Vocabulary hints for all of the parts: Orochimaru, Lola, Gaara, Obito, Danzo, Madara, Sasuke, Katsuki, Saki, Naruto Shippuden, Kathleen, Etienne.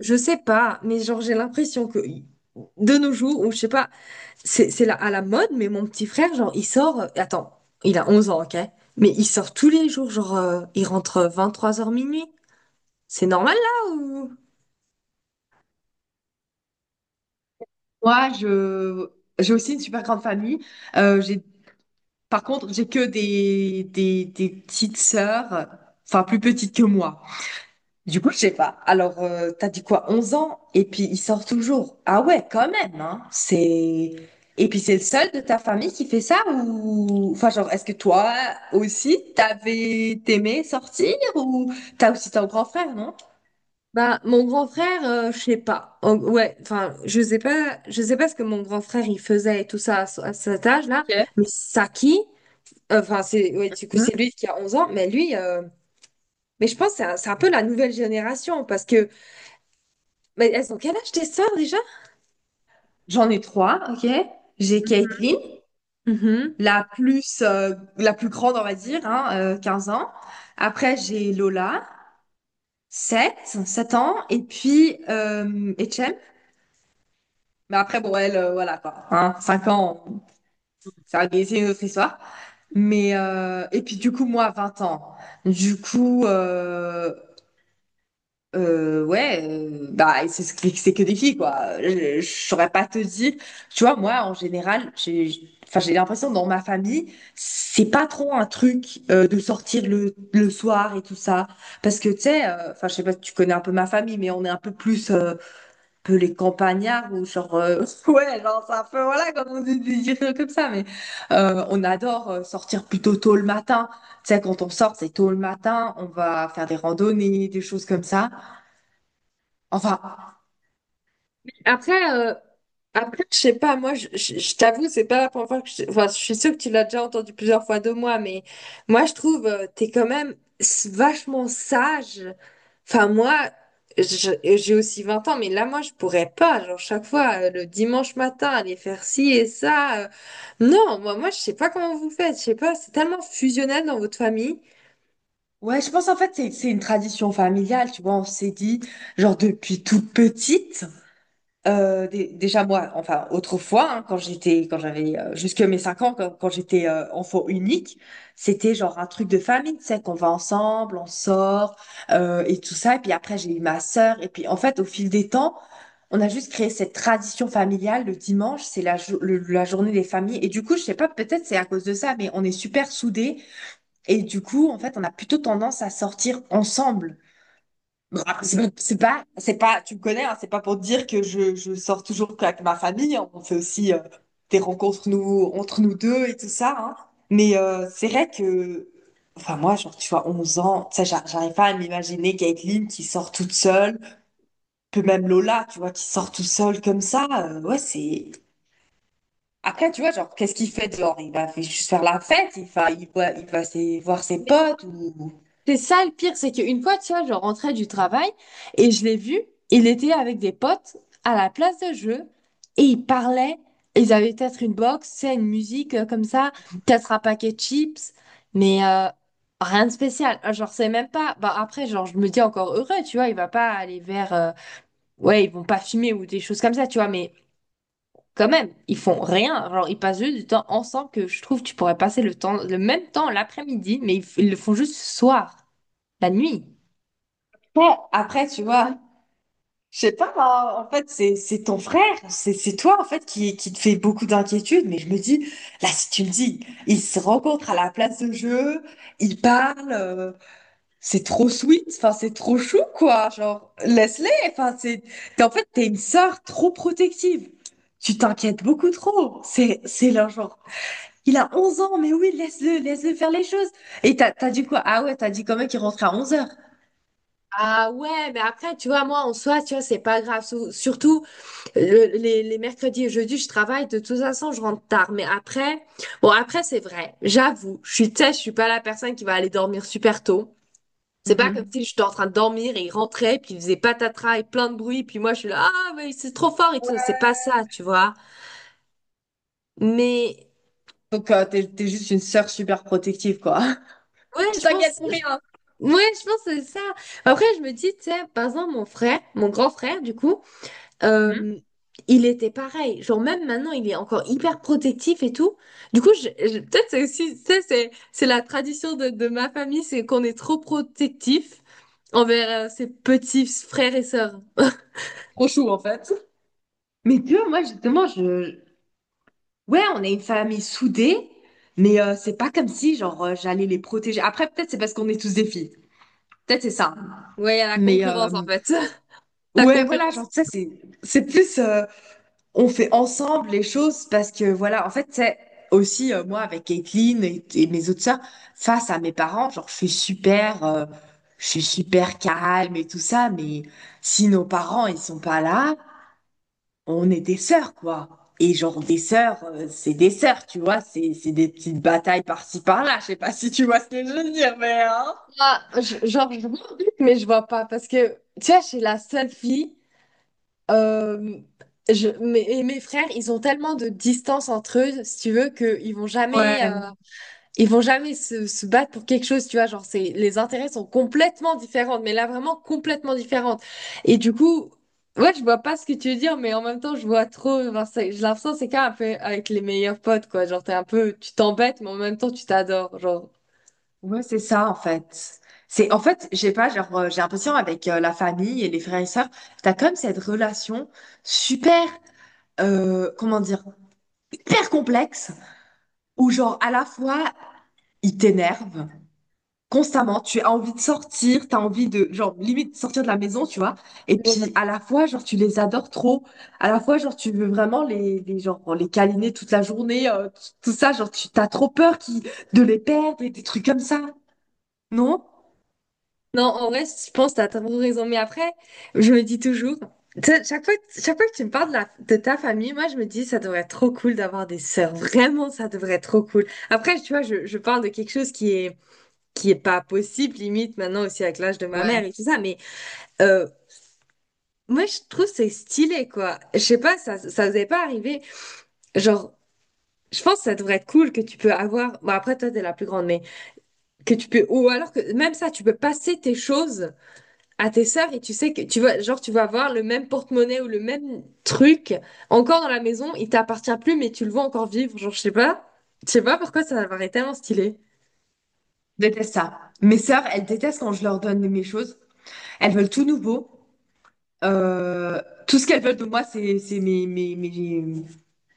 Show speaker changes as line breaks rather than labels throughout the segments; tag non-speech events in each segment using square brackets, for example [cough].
Je sais pas, mais genre j'ai l'impression que de nos jours, ou je sais pas, c'est à la mode. Mais mon petit frère, genre il sort, attends, il a 11 ans, ok? Mais il sort tous les jours, genre il rentre 23 heures minuit. C'est normal là ou...
Moi, j'ai aussi une super grande famille. Euh, j'ai, par contre, j'ai que des petites sœurs, enfin plus petites que moi. Du coup, je sais pas. Alors, t'as dit quoi, 11 ans? Et puis, il sort toujours. Ah ouais, quand même, hein. C'est... Et puis, c'est le seul de ta famille qui fait ça ou... Enfin, genre, est-ce que toi aussi, t'aimais sortir ou t'as aussi ton grand frère, non?
Bah mon grand frère, je sais pas. Ouais, enfin, je sais pas ce que mon grand frère il faisait et tout ça à, à cet âge-là,
Ok.
mais Saki, enfin c'est ouais, du coup
Hmm.
c'est lui qui a 11 ans, mais lui mais je pense que c'est un peu la nouvelle génération. Parce que mais elles ont quel âge tes sœurs déjà?
J'en ai trois, ok? J'ai Caitlin,
Mhm.
la plus grande, on va dire, hein, 15 ans. Après, j'ai Lola, sept ans. Et puis, Etienne. Mais après, bon, elle, voilà, quoi. Hein, 5 ans, ça, c'est une autre histoire. Mais, et puis, du coup, moi, 20 ans. Du coup, ouais, bah c'est que des filles, quoi. Je saurais pas te dire. Tu vois, moi en général, enfin j'ai l'impression que dans ma famille, c'est pas trop un truc de sortir le soir et tout ça, parce que tu sais, enfin je sais pas si tu connais un peu ma famille, mais on est un peu plus un peu les campagnards, ou genre [laughs] ouais, genre c'est un peu voilà, comme on dit dire comme ça, mais on adore sortir plutôt tôt le matin. Tu sais, quand on sort, c'est tôt le matin, on va faire des randonnées, des choses comme ça. Enfin,
Après, euh, Après, je sais pas, moi, je t'avoue, c'est pas la première fois que je... Enfin, je suis sûre que tu l'as déjà entendu plusieurs fois de moi, mais moi, je trouve, t'es quand même vachement sage. Enfin, moi, je- j'ai aussi 20 ans, mais là, moi, je pourrais pas, genre, chaque fois, le dimanche matin, aller faire ci et ça. Non, moi, je sais pas comment vous faites, je sais pas, c'est tellement fusionnel dans votre famille.
ouais, je pense en fait c'est une tradition familiale, tu vois. On s'est dit, genre, depuis toute petite. Déjà moi, enfin autrefois, hein, quand j'avais jusque mes 5 ans, quand j'étais enfant unique, c'était genre un truc de famille, tu sais, qu'on va ensemble, on sort et tout ça. Et puis après, j'ai eu ma sœur. Et puis en fait, au fil des temps, on a juste créé cette tradition familiale. Le dimanche, c'est la journée des familles. Et du coup, je sais pas, peut-être c'est à cause de ça, mais on est super soudés. Et du coup, en fait, on a plutôt tendance à sortir ensemble. Bon, après, C'est pas, c'est pas, c'est pas, tu me connais, hein, c'est pas pour dire que je sors toujours qu'avec ma famille, hein. On fait aussi des rencontres nous, entre nous deux et tout ça, hein. Mais c'est vrai que, enfin, moi, genre, tu vois, 11 ans, tu sais, j'arrive pas à m'imaginer Caitlin qui sort toute seule, que même Lola, tu vois, qui sort toute seule comme ça. Ouais, c'est. Après, tu vois, genre, qu'est-ce qu'il fait dehors? Juste faire la fête, il va voir ses potes, ou.
C'est ça le pire, c'est qu'une fois, tu vois, je rentrais du travail et je l'ai vu, il était avec des potes à la place de jeu et ils parlaient, ils avaient peut-être une box, c'est une musique comme ça, peut-être un paquet de chips, mais rien de spécial. Ah, genre, c'est même pas. Bah, après, genre, je me dis encore heureux, tu vois, il va pas aller vers. Ouais, ils vont pas fumer ou des choses comme ça, tu vois, mais quand même, ils font rien. Genre, ils passent juste du temps ensemble que je trouve que tu pourrais passer le temps, le même temps l'après-midi, mais ils, ils le font juste ce soir, la nuit.
Ouais, après, tu vois, je sais pas, hein, en fait, c'est ton frère, c'est toi, en fait, qui te fait beaucoup d'inquiétudes, mais je me dis, là, si tu le dis, ils se rencontrent à la place de jeu, ils parlent, c'est trop sweet, enfin, c'est trop chou, quoi, genre, laisse-les, enfin, en fait, t'es une sœur trop protective, tu t'inquiètes beaucoup trop, c'est là, genre, il a 11 ans, mais oui, laisse-le, laisse-le faire les choses. Et t'as dit quoi? Ah ouais, t'as dit quand même qu'il rentrait à 11 heures.
Ah ouais, mais après, tu vois, moi, en soi, tu vois, c'est pas grave. Surtout, les mercredis et jeudis, je travaille. De toute façon, je rentre tard. Mais après, bon, après, c'est vrai. J'avoue, je suis, tu sais, je suis pas la personne qui va aller dormir super tôt. C'est pas comme
Mhm.
si j'étais en train de dormir et il rentrait, puis il faisait patatras et plein de bruit, puis moi, je suis là, ah, mais c'est trop fort et tout. C'est pas ça, tu vois. Mais,
Donc, t'es juste une sœur super protective, quoi. [laughs]
ouais,
Tu
je
t'inquiètes
pense,
pour rien.
ouais, je pense que c'est ça. Après, je me dis, tu sais, par exemple, mon frère, mon grand frère, du coup,
Mhm.
Euh, il était pareil. Genre, même maintenant, il est encore hyper protectif et tout. Du coup, peut-être c'est aussi, ça, c'est la tradition de ma famille, c'est qu'on est trop protectif envers ses petits frères et sœurs.
Trop chou, en fait. Mais tu vois, moi, justement, je... Ouais, on est une famille soudée, mais c'est pas comme si, genre, j'allais les protéger. Après, peut-être c'est parce qu'on est tous des filles. Peut-être c'est ça.
Ouais, il y a la
Mais
concurrence, en fait. [laughs] La
ouais, voilà,
concurrence.
genre, ça, c'est plus. On fait ensemble les choses parce que voilà, en fait, c'est aussi moi avec Caitlin et mes autres sœurs, face à mes parents, genre je suis super, calme et tout ça, mais si nos parents ils sont pas là, on est des sœurs, quoi. Et genre des sœurs, c'est des sœurs, tu vois, c'est des petites batailles par-ci par-là. Je sais pas si tu vois ce que je veux dire, mais,
Ah, genre, je vois, un truc, mais je vois pas. Parce que, tu vois, j'ai la seule fille. euh, et mes frères, ils ont tellement de distance entre eux, si tu veux, qu'ils vont jamais.
hein.
Ils vont jamais se battre pour quelque chose, tu vois, genre c'est les intérêts sont complètement différents, mais là vraiment complètement différentes. Et du coup, ouais, je vois pas ce que tu veux dire, mais en même temps, je vois trop, enfin, j'ai l'impression que c'est quand même un peu avec les meilleurs potes, quoi, genre t'es un peu, tu t'embêtes, mais en même temps, tu t'adores, genre.
Ouais, c'est ça en fait. C'est en fait, j'ai pas, genre, j'ai l'impression avec la famille et les frères et sœurs, t'as comme cette relation super, comment dire, hyper complexe, où genre à la fois ils t'énervent constamment, tu as envie de sortir, t'as envie de genre limite sortir de la maison, tu vois. Et
Ouais.
puis à la fois genre tu les adores trop, à la fois genre tu veux vraiment les câliner toute la journée, tout ça, genre tu t'as trop peur qui de les perdre et des trucs comme ça, non?
Non, en vrai, je pense que t'as trop raison, mais après, je me dis toujours, tu sais, chaque fois que tu me parles de, de ta famille, moi, je me dis, ça devrait être trop cool d'avoir des sœurs, vraiment, ça devrait être trop cool. Après, tu vois, je parle de quelque chose qui est pas possible limite maintenant aussi avec l'âge de ma mère et tout ça, mais euh, moi je trouve c'est stylé quoi, je sais pas, ça vous est pas arrivé, genre. Je pense que ça devrait être cool que tu peux avoir, bon après toi t'es la plus grande, mais que tu peux, ou alors que même ça tu peux passer tes choses à tes sœurs, et tu sais que tu vas, genre tu vas avoir le même porte-monnaie ou le même truc, encore dans la maison il t'appartient plus mais tu le vois encore vivre, genre je sais pas, je sais pas pourquoi ça m'apparaît tellement stylé.
Déteste ça. Mes sœurs, elles détestent quand je leur donne mes choses. Elles veulent tout nouveau. Euh, Tout ce qu'elles veulent de moi, c'est mes, mes, mes,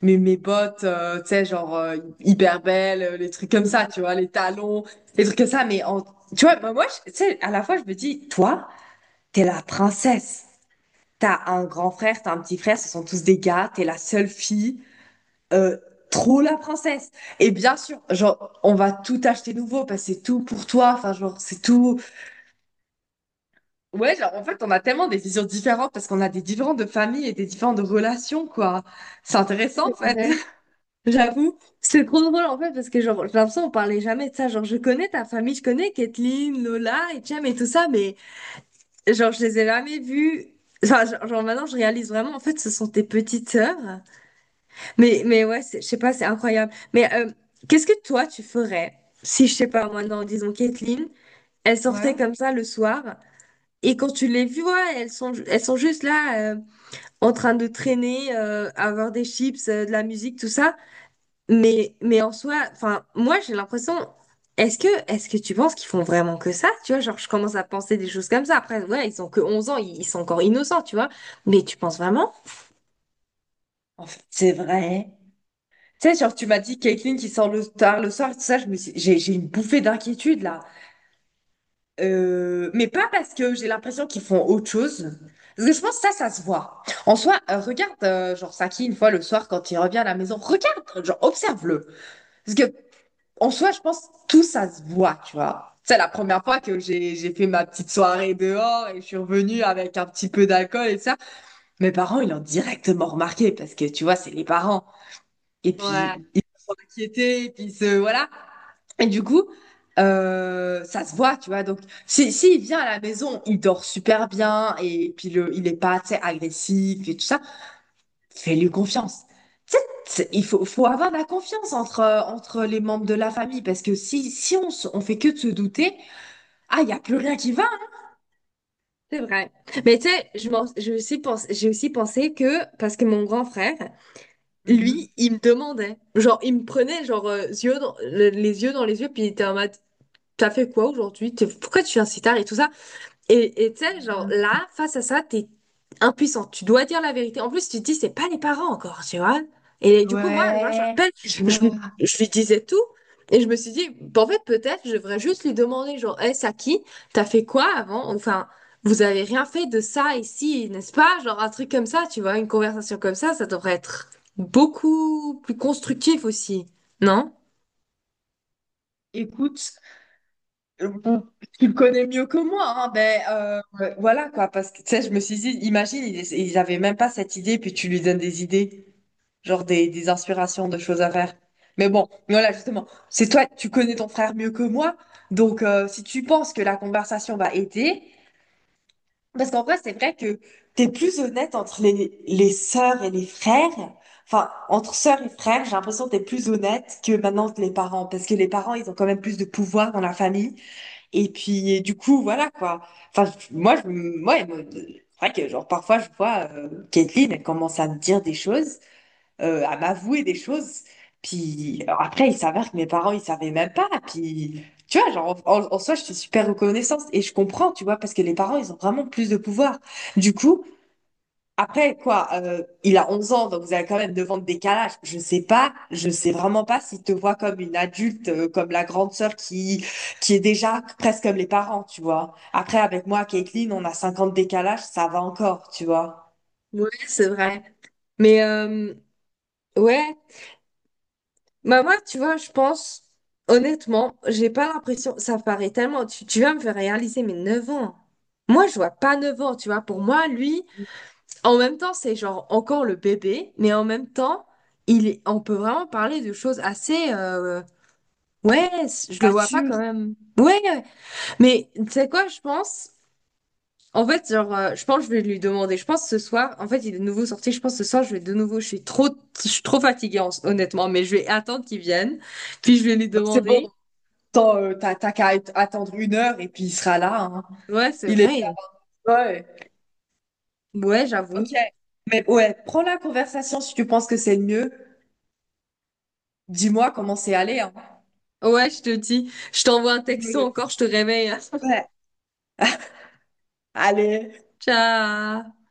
mes, mes bottes, tu sais, genre, hyper belles, les trucs comme ça, tu vois, les talons, les trucs comme ça. Mais tu vois, bah, moi, tu sais, à la fois, je me dis, toi, t'es la princesse. T'as un grand frère, t'as un petit frère, ce sont tous des gars, t'es la seule fille. Euh, Trop la princesse. Et bien sûr, genre, on va tout acheter nouveau parce que c'est tout pour toi. Enfin, genre, c'est tout. Ouais, genre, en fait, on a tellement des visions différentes parce qu'on a des différentes de familles et des différentes de relations, quoi. C'est intéressant, en fait.
Ouais.
[laughs]
J'avoue, c'est trop drôle en fait parce que genre j'ai l'impression qu'on parlait jamais de ça. Genre je connais ta famille, je connais Kathleen, Lola, Etienne et tout ça, mais genre je les ai jamais vus. Enfin, genre, maintenant je réalise vraiment en fait ce sont tes petites sœurs. Mais ouais, je sais pas, c'est incroyable. Mais qu'est-ce que toi tu ferais si, je sais pas moi, non, disons Kathleen, elle sortait
Ouais.
comme ça le soir, et quand tu les vois, elles sont juste là en train de traîner, avoir des chips, de la musique, tout ça. Mais en soi, enfin, moi j'ai l'impression, est-ce que tu penses qu'ils font vraiment que ça? Tu vois, genre je commence à penser des choses comme ça. Après, ouais, ils ont que 11 ans, ils sont encore innocents, tu vois. Mais tu penses vraiment?
En fait, c'est vrai. Tu sais, genre, tu m'as dit Caitlyn qui sort le tard le soir, tout ça, je me suis... j'ai une bouffée d'inquiétude, là. Mais pas parce que j'ai l'impression qu'ils font autre chose. Parce que je pense que ça se voit. En soi, regarde, genre, Saki, une fois le soir, quand il revient à la maison, regarde, genre, observe-le. Parce que en soi, je pense tout ça se voit, tu vois. C'est la première fois que j'ai fait ma petite soirée dehors et je suis revenue avec un petit peu d'alcool et ça. Mes parents, ils l'ont directement remarqué parce que tu vois, c'est les parents. Et puis
Ouais.
ils s'inquiétaient, et puis se voilà. Et du coup, ça se voit, tu vois. Donc, si s'il vient à la maison, il dort super bien et puis il est pas, tu sais, agressif et tout ça. Fais-lui confiance. Tu sais, il faut, avoir de la confiance entre, entre les membres de la famille parce que si on fait que de se douter, ah, il n'y a plus rien qui va, hein.
C'est vrai. Mais tu sais, j'ai aussi pensé que, parce que mon grand frère,
Mhm.
lui, il me demandait. Genre, il me prenait, genre, les yeux dans les yeux, puis il était en mode, t'as fait quoi aujourd'hui? Pourquoi tu viens si tard et tout ça? Et tu sais, genre
Mhm.
là, face à ça, t'es impuissant. Tu dois dire la vérité. En plus, tu te dis, c'est pas les parents encore, tu vois. Et du coup, moi, je me
Ouais,
rappelle,
je vois.
je lui disais tout. Et je me suis dit, bah, en fait, peut-être, je devrais juste lui demander, genre, hey, Saki, t'as fait quoi avant? Enfin, vous avez rien fait de ça ici, n'est-ce pas? Genre, un truc comme ça, tu vois, une conversation comme ça devrait être beaucoup plus constructif aussi, non?
Écoute, bon, tu le connais mieux que moi, hein, voilà, quoi, parce que tu sais, je me suis dit, imagine, ils avaient même pas cette idée, puis tu lui donnes des idées, genre des inspirations de choses à faire. Mais bon, voilà, justement, c'est toi, tu connais ton frère mieux que moi, donc si tu penses que la conversation va aider, parce qu'en vrai, c'est vrai que t'es plus honnête entre les sœurs et les frères, enfin, entre sœurs et frères, j'ai l'impression que t'es plus honnête que maintenant que les parents, parce que les parents, ils ont quand même plus de pouvoir dans la famille, et puis, et du coup, voilà, quoi. Enfin, moi, ouais, moi, c'est vrai que, genre, parfois, je vois Caitlyn, elle commence à me dire des choses, à m'avouer des choses. Puis alors après, il s'avère que mes parents, ils savaient même pas. Puis tu vois, genre, en soi, je suis super reconnaissante et je comprends, tu vois, parce que les parents, ils ont vraiment plus de pouvoir. Du coup, après, quoi, il a 11 ans, donc vous avez quand même devant le décalage. Je sais pas, je sais vraiment pas s'il te voit comme une adulte, comme la grande sœur qui est déjà presque comme les parents, tu vois. Après, avec moi, Caitlin, on a 50 décalage, ça va encore, tu vois.
Ouais, c'est vrai. Mais ouais, bah moi, tu vois, je pense, honnêtement, j'ai pas l'impression, ça paraît tellement, tu vas me faire réaliser mes 9 ans. Moi, je vois pas 9 ans, tu vois. Pour moi, lui, en même temps, c'est genre encore le bébé, mais en même temps, il est, on peut vraiment parler de choses assez... ouais, je le
Bien
vois pas
sûr.
quand même. Ouais, ouais. Mais tu sais quoi, je pense? En fait, genre, je pense que je vais lui demander. Je pense ce soir, en fait, il est de nouveau sorti. Je pense ce soir, je vais de nouveau. Je suis trop fatiguée, honnêtement, mais je vais attendre qu'il vienne. Puis je vais lui
Bah, c'est bon.
demander.
T'as qu'à attendre 1 heure et puis il sera là, hein.
Ouais, c'est
Il est déjà
vrai.
là.
Ouais,
Ok.
j'avoue.
Mais ouais, prends la conversation si tu penses que c'est le mieux. Dis-moi comment c'est allé, hein.
Ouais, je te dis. Je t'envoie un
Je
texto
me-
encore, je te réveille. [laughs]
Ouais. Allez.
Ciao.